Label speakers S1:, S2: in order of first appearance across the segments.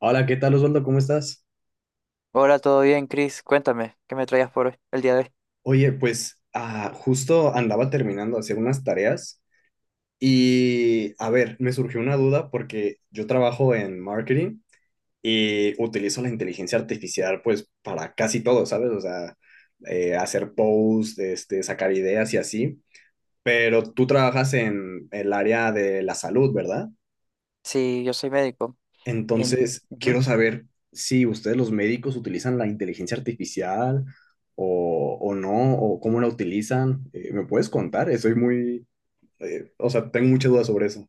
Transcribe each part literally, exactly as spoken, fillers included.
S1: Hola, ¿qué tal Osvaldo? ¿Cómo estás?
S2: Hola, ¿todo bien, Chris? Cuéntame, ¿qué me traías por hoy- el día de hoy?
S1: Oye, pues ah, justo andaba terminando de hacer unas tareas y, a ver, me surgió una duda porque yo trabajo en marketing y utilizo la inteligencia artificial pues para casi todo, ¿sabes? O sea, eh, hacer posts, este, sacar ideas y así, pero tú trabajas en el área de la salud, ¿verdad?
S2: Sí, yo soy médico. En...
S1: Entonces,
S2: Ujú.
S1: quiero saber si ustedes los médicos utilizan la inteligencia artificial o, o no, o cómo la utilizan. Eh, ¿me puedes contar? Estoy muy, eh, o sea, tengo muchas dudas sobre eso.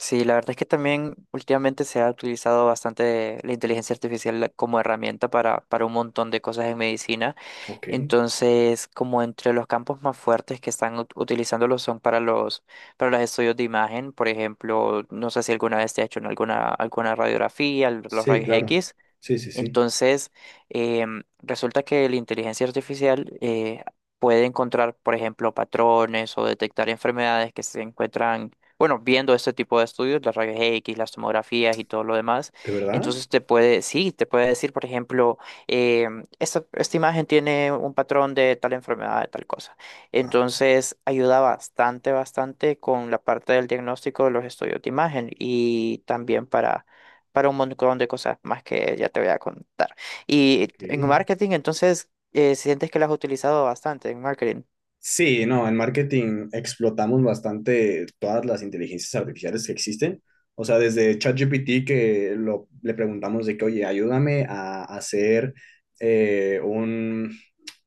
S2: Sí, la verdad es que también últimamente se ha utilizado bastante la inteligencia artificial como herramienta para, para un montón de cosas en medicina.
S1: Ok.
S2: Entonces, como entre los campos más fuertes que están ut- utilizándolo son para los, para los estudios de imagen, por ejemplo, no sé si alguna vez te ha hecho en alguna, alguna radiografía, l- los
S1: Sí,
S2: rayos
S1: claro.
S2: X.
S1: Sí, sí, sí.
S2: Entonces, em, resulta que la inteligencia artificial eh, puede encontrar, por ejemplo, patrones o detectar enfermedades que se encuentran, bueno, viendo este tipo de estudios, las rayos X, las tomografías y todo lo demás.
S1: ¿De verdad?
S2: Entonces, te puede, sí, te puede decir, por ejemplo, em, esta, esta imagen tiene un patrón de tal enfermedad, de tal cosa.
S1: Ah,
S2: Entonces, ayuda bastante, bastante con la parte del diagnóstico de los estudios de imagen y también para para un montón de cosas más que ya te voy a contar. Y en
S1: ok.
S2: marketing, entonces, eh, sientes que las has utilizado bastante en marketing.
S1: Sí, no, en marketing explotamos bastante todas las inteligencias artificiales que existen. O sea, desde ChatGPT que lo, le preguntamos de que, oye, ayúdame a hacer eh, un,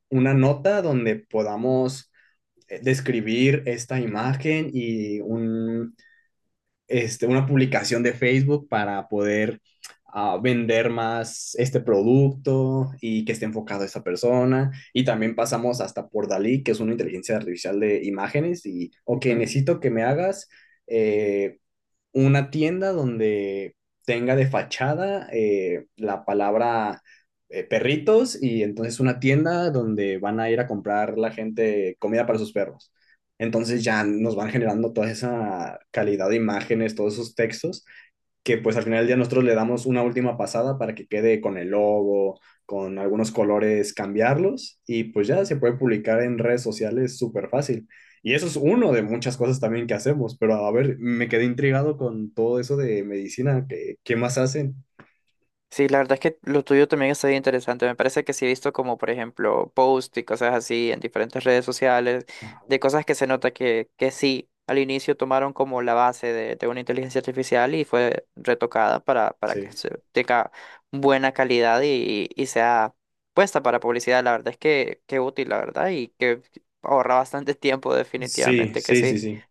S1: una nota donde podamos eh, describir esta imagen y un, este, una publicación de Facebook para poder ah, vender más este producto y que esté enfocado a esta persona. Y también pasamos hasta por Dalí, que es una inteligencia artificial de imágenes. Y, ok,
S2: Ujú.
S1: necesito que me hagas eh, una tienda donde tenga de fachada eh, la palabra eh, perritos y entonces una tienda donde van a ir a comprar la gente comida para sus perros. Entonces ya nos van generando toda esa calidad de imágenes, todos esos textos que pues al final del día nosotros le damos una última pasada para que quede con el logo, con algunos colores, cambiarlos y pues ya se puede publicar en redes sociales súper fácil. Y eso es uno de muchas cosas también que hacemos, pero a ver, me quedé intrigado con todo eso de medicina, ¿qué, qué más hacen?
S2: Sí, la verdad es que lo tuyo también está bien interesante. Me parece que sí he visto como, por ejemplo, posts y cosas así en diferentes redes sociales,
S1: Ajá.
S2: de cosas que se nota que, que sí, al inicio tomaron como la base de, de una inteligencia artificial y fue retocada para, para que
S1: Sí,
S2: se tenga buena calidad y, y sea puesta para publicidad. La verdad es que, que útil, la verdad, y que ahorra bastante tiempo,
S1: sí,
S2: definitivamente que
S1: sí,
S2: sí.
S1: sí, sí.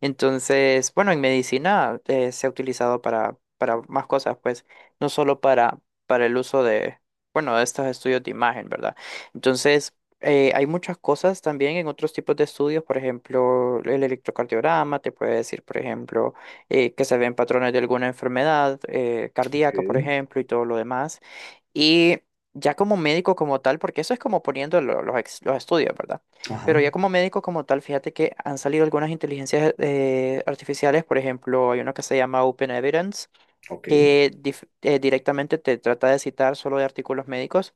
S2: Entonces, bueno, en medicina eh, se ha utilizado para, para más cosas, pues, no solo para, para el uso de, bueno, de estos estudios de imagen, ¿verdad? Entonces, eh, hay muchas cosas también en otros tipos de estudios, por ejemplo, el electrocardiograma, te puede decir, por ejemplo, eh, que se ven patrones de alguna enfermedad eh,
S1: Ok,
S2: cardíaca, por ejemplo, y todo lo demás. Y ya como médico como tal, porque eso es como poniendo lo- los, ex- los estudios, ¿verdad? Pero ya
S1: ajá,
S2: como médico como tal, fíjate que han salido algunas inteligencias eh, artificiales, por ejemplo, hay uno que se llama Open Evidence,
S1: ok,
S2: que dif- eh, directamente te trata de citar solo de artículos médicos.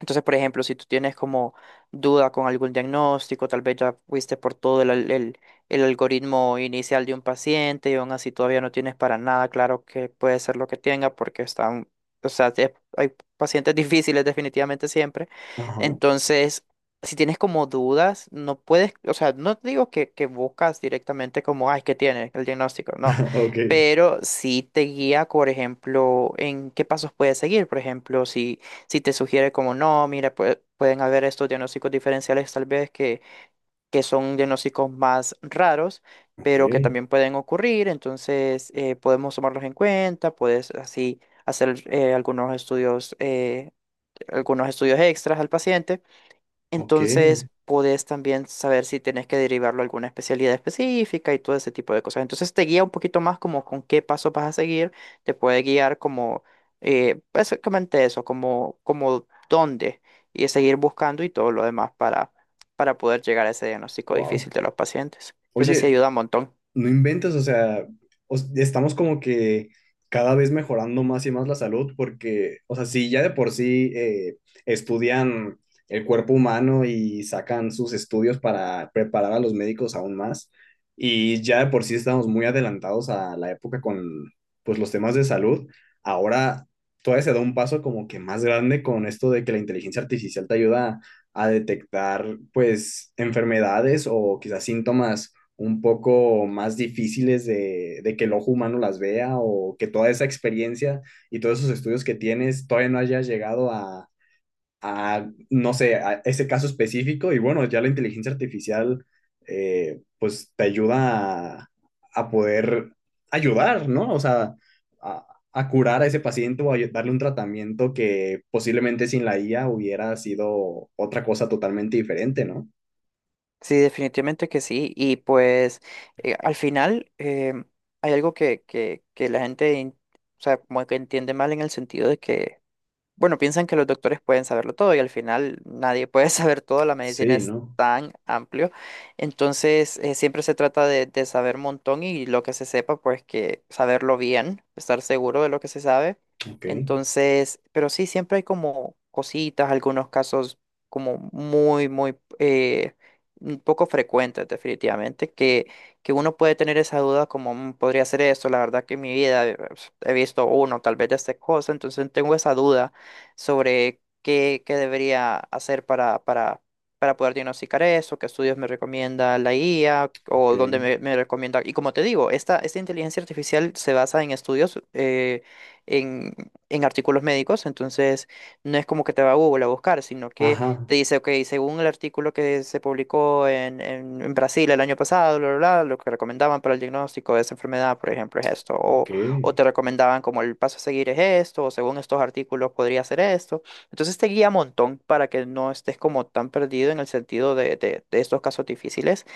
S2: Entonces, por ejemplo, si tú tienes como duda con algún diagnóstico, tal vez ya fuiste por todo el, al- el- el algoritmo inicial de un paciente y aún así todavía no tienes para nada claro qué puede ser lo que tenga porque están, o sea, te- hay pacientes difíciles definitivamente siempre.
S1: ajá,
S2: Entonces, si tienes como dudas, no puedes, o sea, no te digo que, que buscas directamente como, ay, ¿qué tiene el diagnóstico? No,
S1: ok,
S2: pero sí te guía, por ejemplo, en qué pasos puedes seguir, por ejemplo, si si te sugiere como no, mira, pue- pueden haber estos diagnósticos diferenciales tal vez que, que son diagnósticos más raros,
S1: ok,
S2: pero que también pueden ocurrir, entonces eh, podemos tomarlos en cuenta, puedes así hacer eh, algunos estudios, eh, algunos estudios extras al paciente.
S1: ok,
S2: Entonces, podés también saber si tenés que derivarlo a alguna especialidad específica y todo ese tipo de cosas. Entonces, te guía un poquito más como con qué paso vas a seguir, te puede guiar como eh, básicamente eso, como, como dónde y seguir buscando y todo lo demás para, para poder llegar a ese diagnóstico
S1: wow.
S2: difícil de los pacientes. Entonces, sí
S1: Oye,
S2: ayuda un montón.
S1: no inventas, o sea, os- estamos como que cada vez mejorando más y más la salud porque, o sea, si ya de por sí eh, estudian el cuerpo humano y sacan sus estudios para preparar a los médicos aún más, y ya de por sí estamos muy adelantados a la época con, pues, los temas de salud, ahora todavía se da un paso como que más grande con esto de que la inteligencia artificial te ayuda a detectar, pues, enfermedades o quizás síntomas un poco más difíciles de, de que el ojo humano las vea o que toda esa experiencia y todos esos estudios que tienes todavía no hayas llegado a, a no sé, a ese caso específico y bueno, ya la inteligencia artificial eh, pues te ayuda a, a, poder ayudar, ¿no? O sea, a, a curar a ese paciente o a darle un tratamiento que posiblemente sin la I A hubiera sido otra cosa totalmente diferente, ¿no?
S2: Sí, definitivamente que sí. Y pues, eh, al final, em, hay algo que, que, que la gente, in- o sea, como que entiende mal en el sentido de que bueno, piensan que los doctores pueden saberlo todo y al final nadie puede saber todo, la medicina
S1: Sí,
S2: es
S1: ¿no?
S2: tan amplio, entonces eh, siempre se trata de, de saber un montón y lo que se sepa, pues que saberlo bien, estar seguro de lo que se sabe.
S1: Ok,
S2: Entonces, pero sí, siempre hay como cositas, algunos casos como muy, muy eh, un poco frecuentes definitivamente, que, que uno puede tener esa duda como "Mm, podría ser esto, la verdad que en mi vida eh, he visto uno, tal vez de esta cosa, entonces tengo esa duda sobre qué, qué debería hacer para, para, para poder diagnosticar eso, qué estudios me recomienda la I A
S1: ok.
S2: o dónde me, me recomienda. Y como te digo, esta, esta inteligencia artificial se basa en estudios, eh, en, en artículos médicos, entonces no es como que te va a Google a buscar, sino que
S1: Ajá.
S2: te dice, ok, según el artículo que se publicó en, en, en Brasil el año pasado, bla, bla, bla, lo que recomendaban para el diagnóstico de esa enfermedad, por ejemplo, es esto. O
S1: Ok,
S2: o te recomendaban como el paso a seguir es esto, o según estos artículos podría hacer esto. Entonces te guía un montón para que no estés como tan perdido en el sentido de, de, de estos casos difíciles.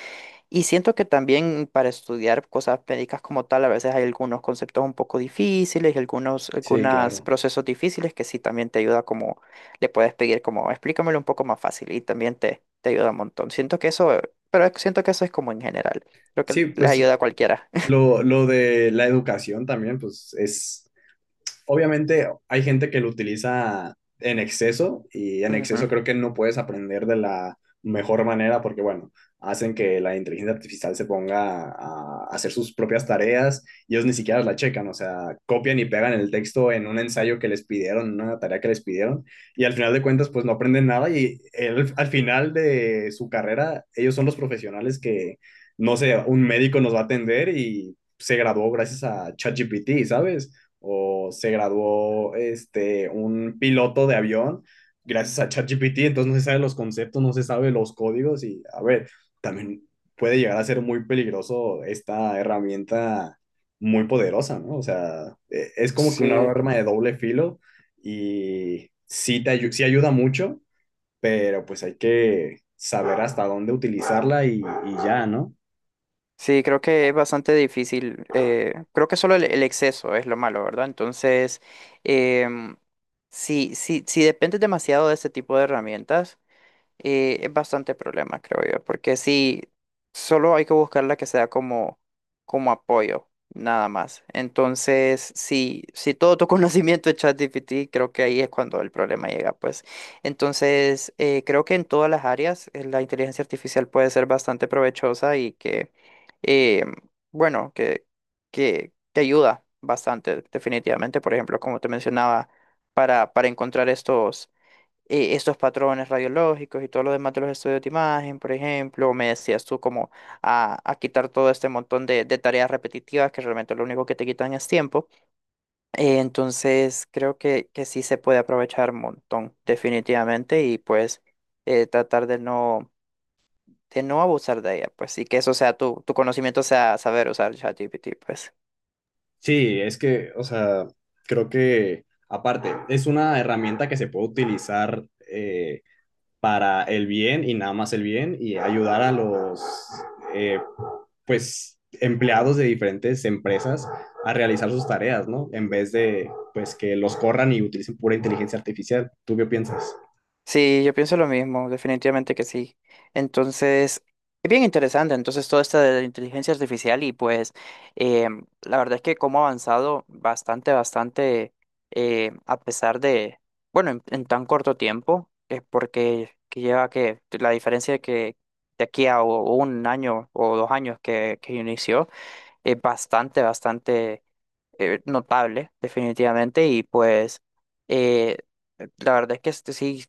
S2: Y siento que también para estudiar cosas médicas como tal, a veces hay algunos conceptos un poco difíciles y algunos,
S1: sí,
S2: algunos
S1: claro.
S2: procesos difíciles que sí también te ayuda como, le puedes pedir como, explícamelo un poco más fácil y también te, te ayuda un montón. Siento que eso, pero siento que eso es como en general, lo que
S1: Sí,
S2: les
S1: pues
S2: ayuda a cualquiera.
S1: lo, lo de la educación también, pues es, obviamente hay gente que lo utiliza en exceso y en
S2: Ujú.
S1: exceso creo que no puedes aprender de la mejor manera porque, bueno, hacen que la inteligencia artificial se ponga a hacer sus propias tareas y ellos ni siquiera la checan, o sea, copian y pegan el texto en un ensayo que les pidieron, en una tarea que les pidieron, y al final de cuentas, pues no aprenden nada y el, al final de su carrera, ellos son los profesionales que, no sé, un médico nos va a atender y se graduó gracias a ChatGPT, ¿sabes? O se graduó este, un piloto de avión gracias a ChatGPT, entonces no se sabe los conceptos, no se sabe los códigos y a ver, también puede llegar a ser muy peligroso esta herramienta muy poderosa, ¿no? O sea, e- es como que una
S2: Sí.
S1: arma de doble filo y sí, te ayu sí ayuda mucho, pero pues hay que saber hasta dónde utilizarla y, y ya, ¿no?
S2: Sí, creo que es bastante difícil. Eh, creo que solo el, el exceso es lo malo, ¿verdad? Entonces, em, si, si, si dependes demasiado de este tipo de herramientas, y es bastante problema, creo yo, porque sí, solo hay que buscar la que sea como, como apoyo, nada más. Entonces, si, si todo tu conocimiento es ChatGPT, creo que ahí es cuando el problema llega, pues. Entonces, eh, creo que en todas las áreas eh, la inteligencia artificial puede ser bastante provechosa y que, eh, bueno, que, que te ayuda bastante, definitivamente. Por ejemplo, como te mencionaba, para, para encontrar estos eh, estos patrones radiológicos y todo lo demás de los estudios de imagen, por ejemplo, me decías tú como a, a quitar todo este montón de, de tareas repetitivas que realmente lo único que te quitan es tiempo. Eh, entonces, creo que, que sí se puede aprovechar un montón, definitivamente, y pues eh, tratar de no, de no abusar de ella, pues, y que eso sea tu, tu conocimiento sea saber usar ChatGPT, pues.
S1: Sí, es que, o sea, creo que aparte es una herramienta que se puede utilizar eh, para el bien y nada más el bien y ayudar a los, eh, pues, empleados de diferentes empresas a realizar sus tareas, ¿no? En vez de, pues, que los corran y utilicen pura inteligencia artificial. ¿Tú qué piensas?
S2: Sí, yo pienso lo mismo, definitivamente que sí. Entonces, es bien interesante, entonces, todo esto de la inteligencia artificial y pues eh, la verdad es que cómo ha avanzado bastante, bastante, eh, a pesar de, bueno, en, en tan corto tiempo, es porque que lleva que la diferencia que de aquí a o- un año o dos años que, que inició es bastante, bastante eh, notable, definitivamente, y pues eh, la verdad es que este sí,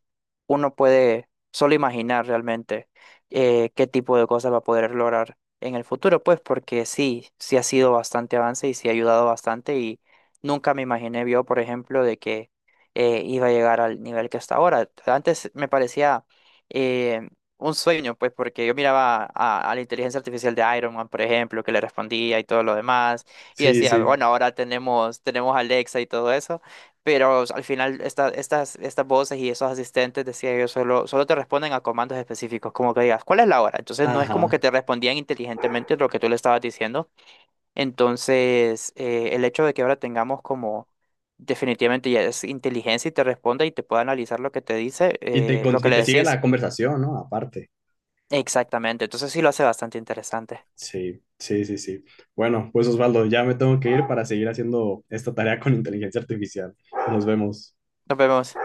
S2: uno puede solo imaginar realmente eh, qué tipo de cosas va a poder lograr en el futuro, pues porque sí, sí ha sido bastante avance y sí ha ayudado bastante y nunca me imaginé yo, por ejemplo, de que eh, iba a llegar al nivel que está ahora. Antes me parecía... eh, un sueño, pues, porque yo miraba a, a la inteligencia artificial de Iron Man, por ejemplo, que le respondía y todo lo demás y
S1: Sí,
S2: decía,
S1: sí.
S2: bueno, ahora tenemos, tenemos Alexa y todo eso, pero al final esta- estas, estas voces y esos asistentes, decía yo, solo, solo te responden a comandos específicos, como que digas, ¿cuál es la hora? Entonces no es como que
S1: Ajá.
S2: te respondían inteligentemente lo que tú le estabas diciendo. Entonces, eh, el hecho de que ahora tengamos como definitivamente ya es inteligencia y te responde y te puede analizar lo que te dice,
S1: Y te,
S2: eh, lo
S1: con-
S2: que
S1: y
S2: le
S1: te sigue la
S2: decís.
S1: conversación, ¿no? Aparte.
S2: Exactamente, entonces sí lo hace bastante interesante.
S1: Sí, sí, sí, sí. Bueno, pues Osvaldo, ya me tengo que ir para seguir haciendo esta tarea con inteligencia artificial. Nos vemos.
S2: Nos vemos.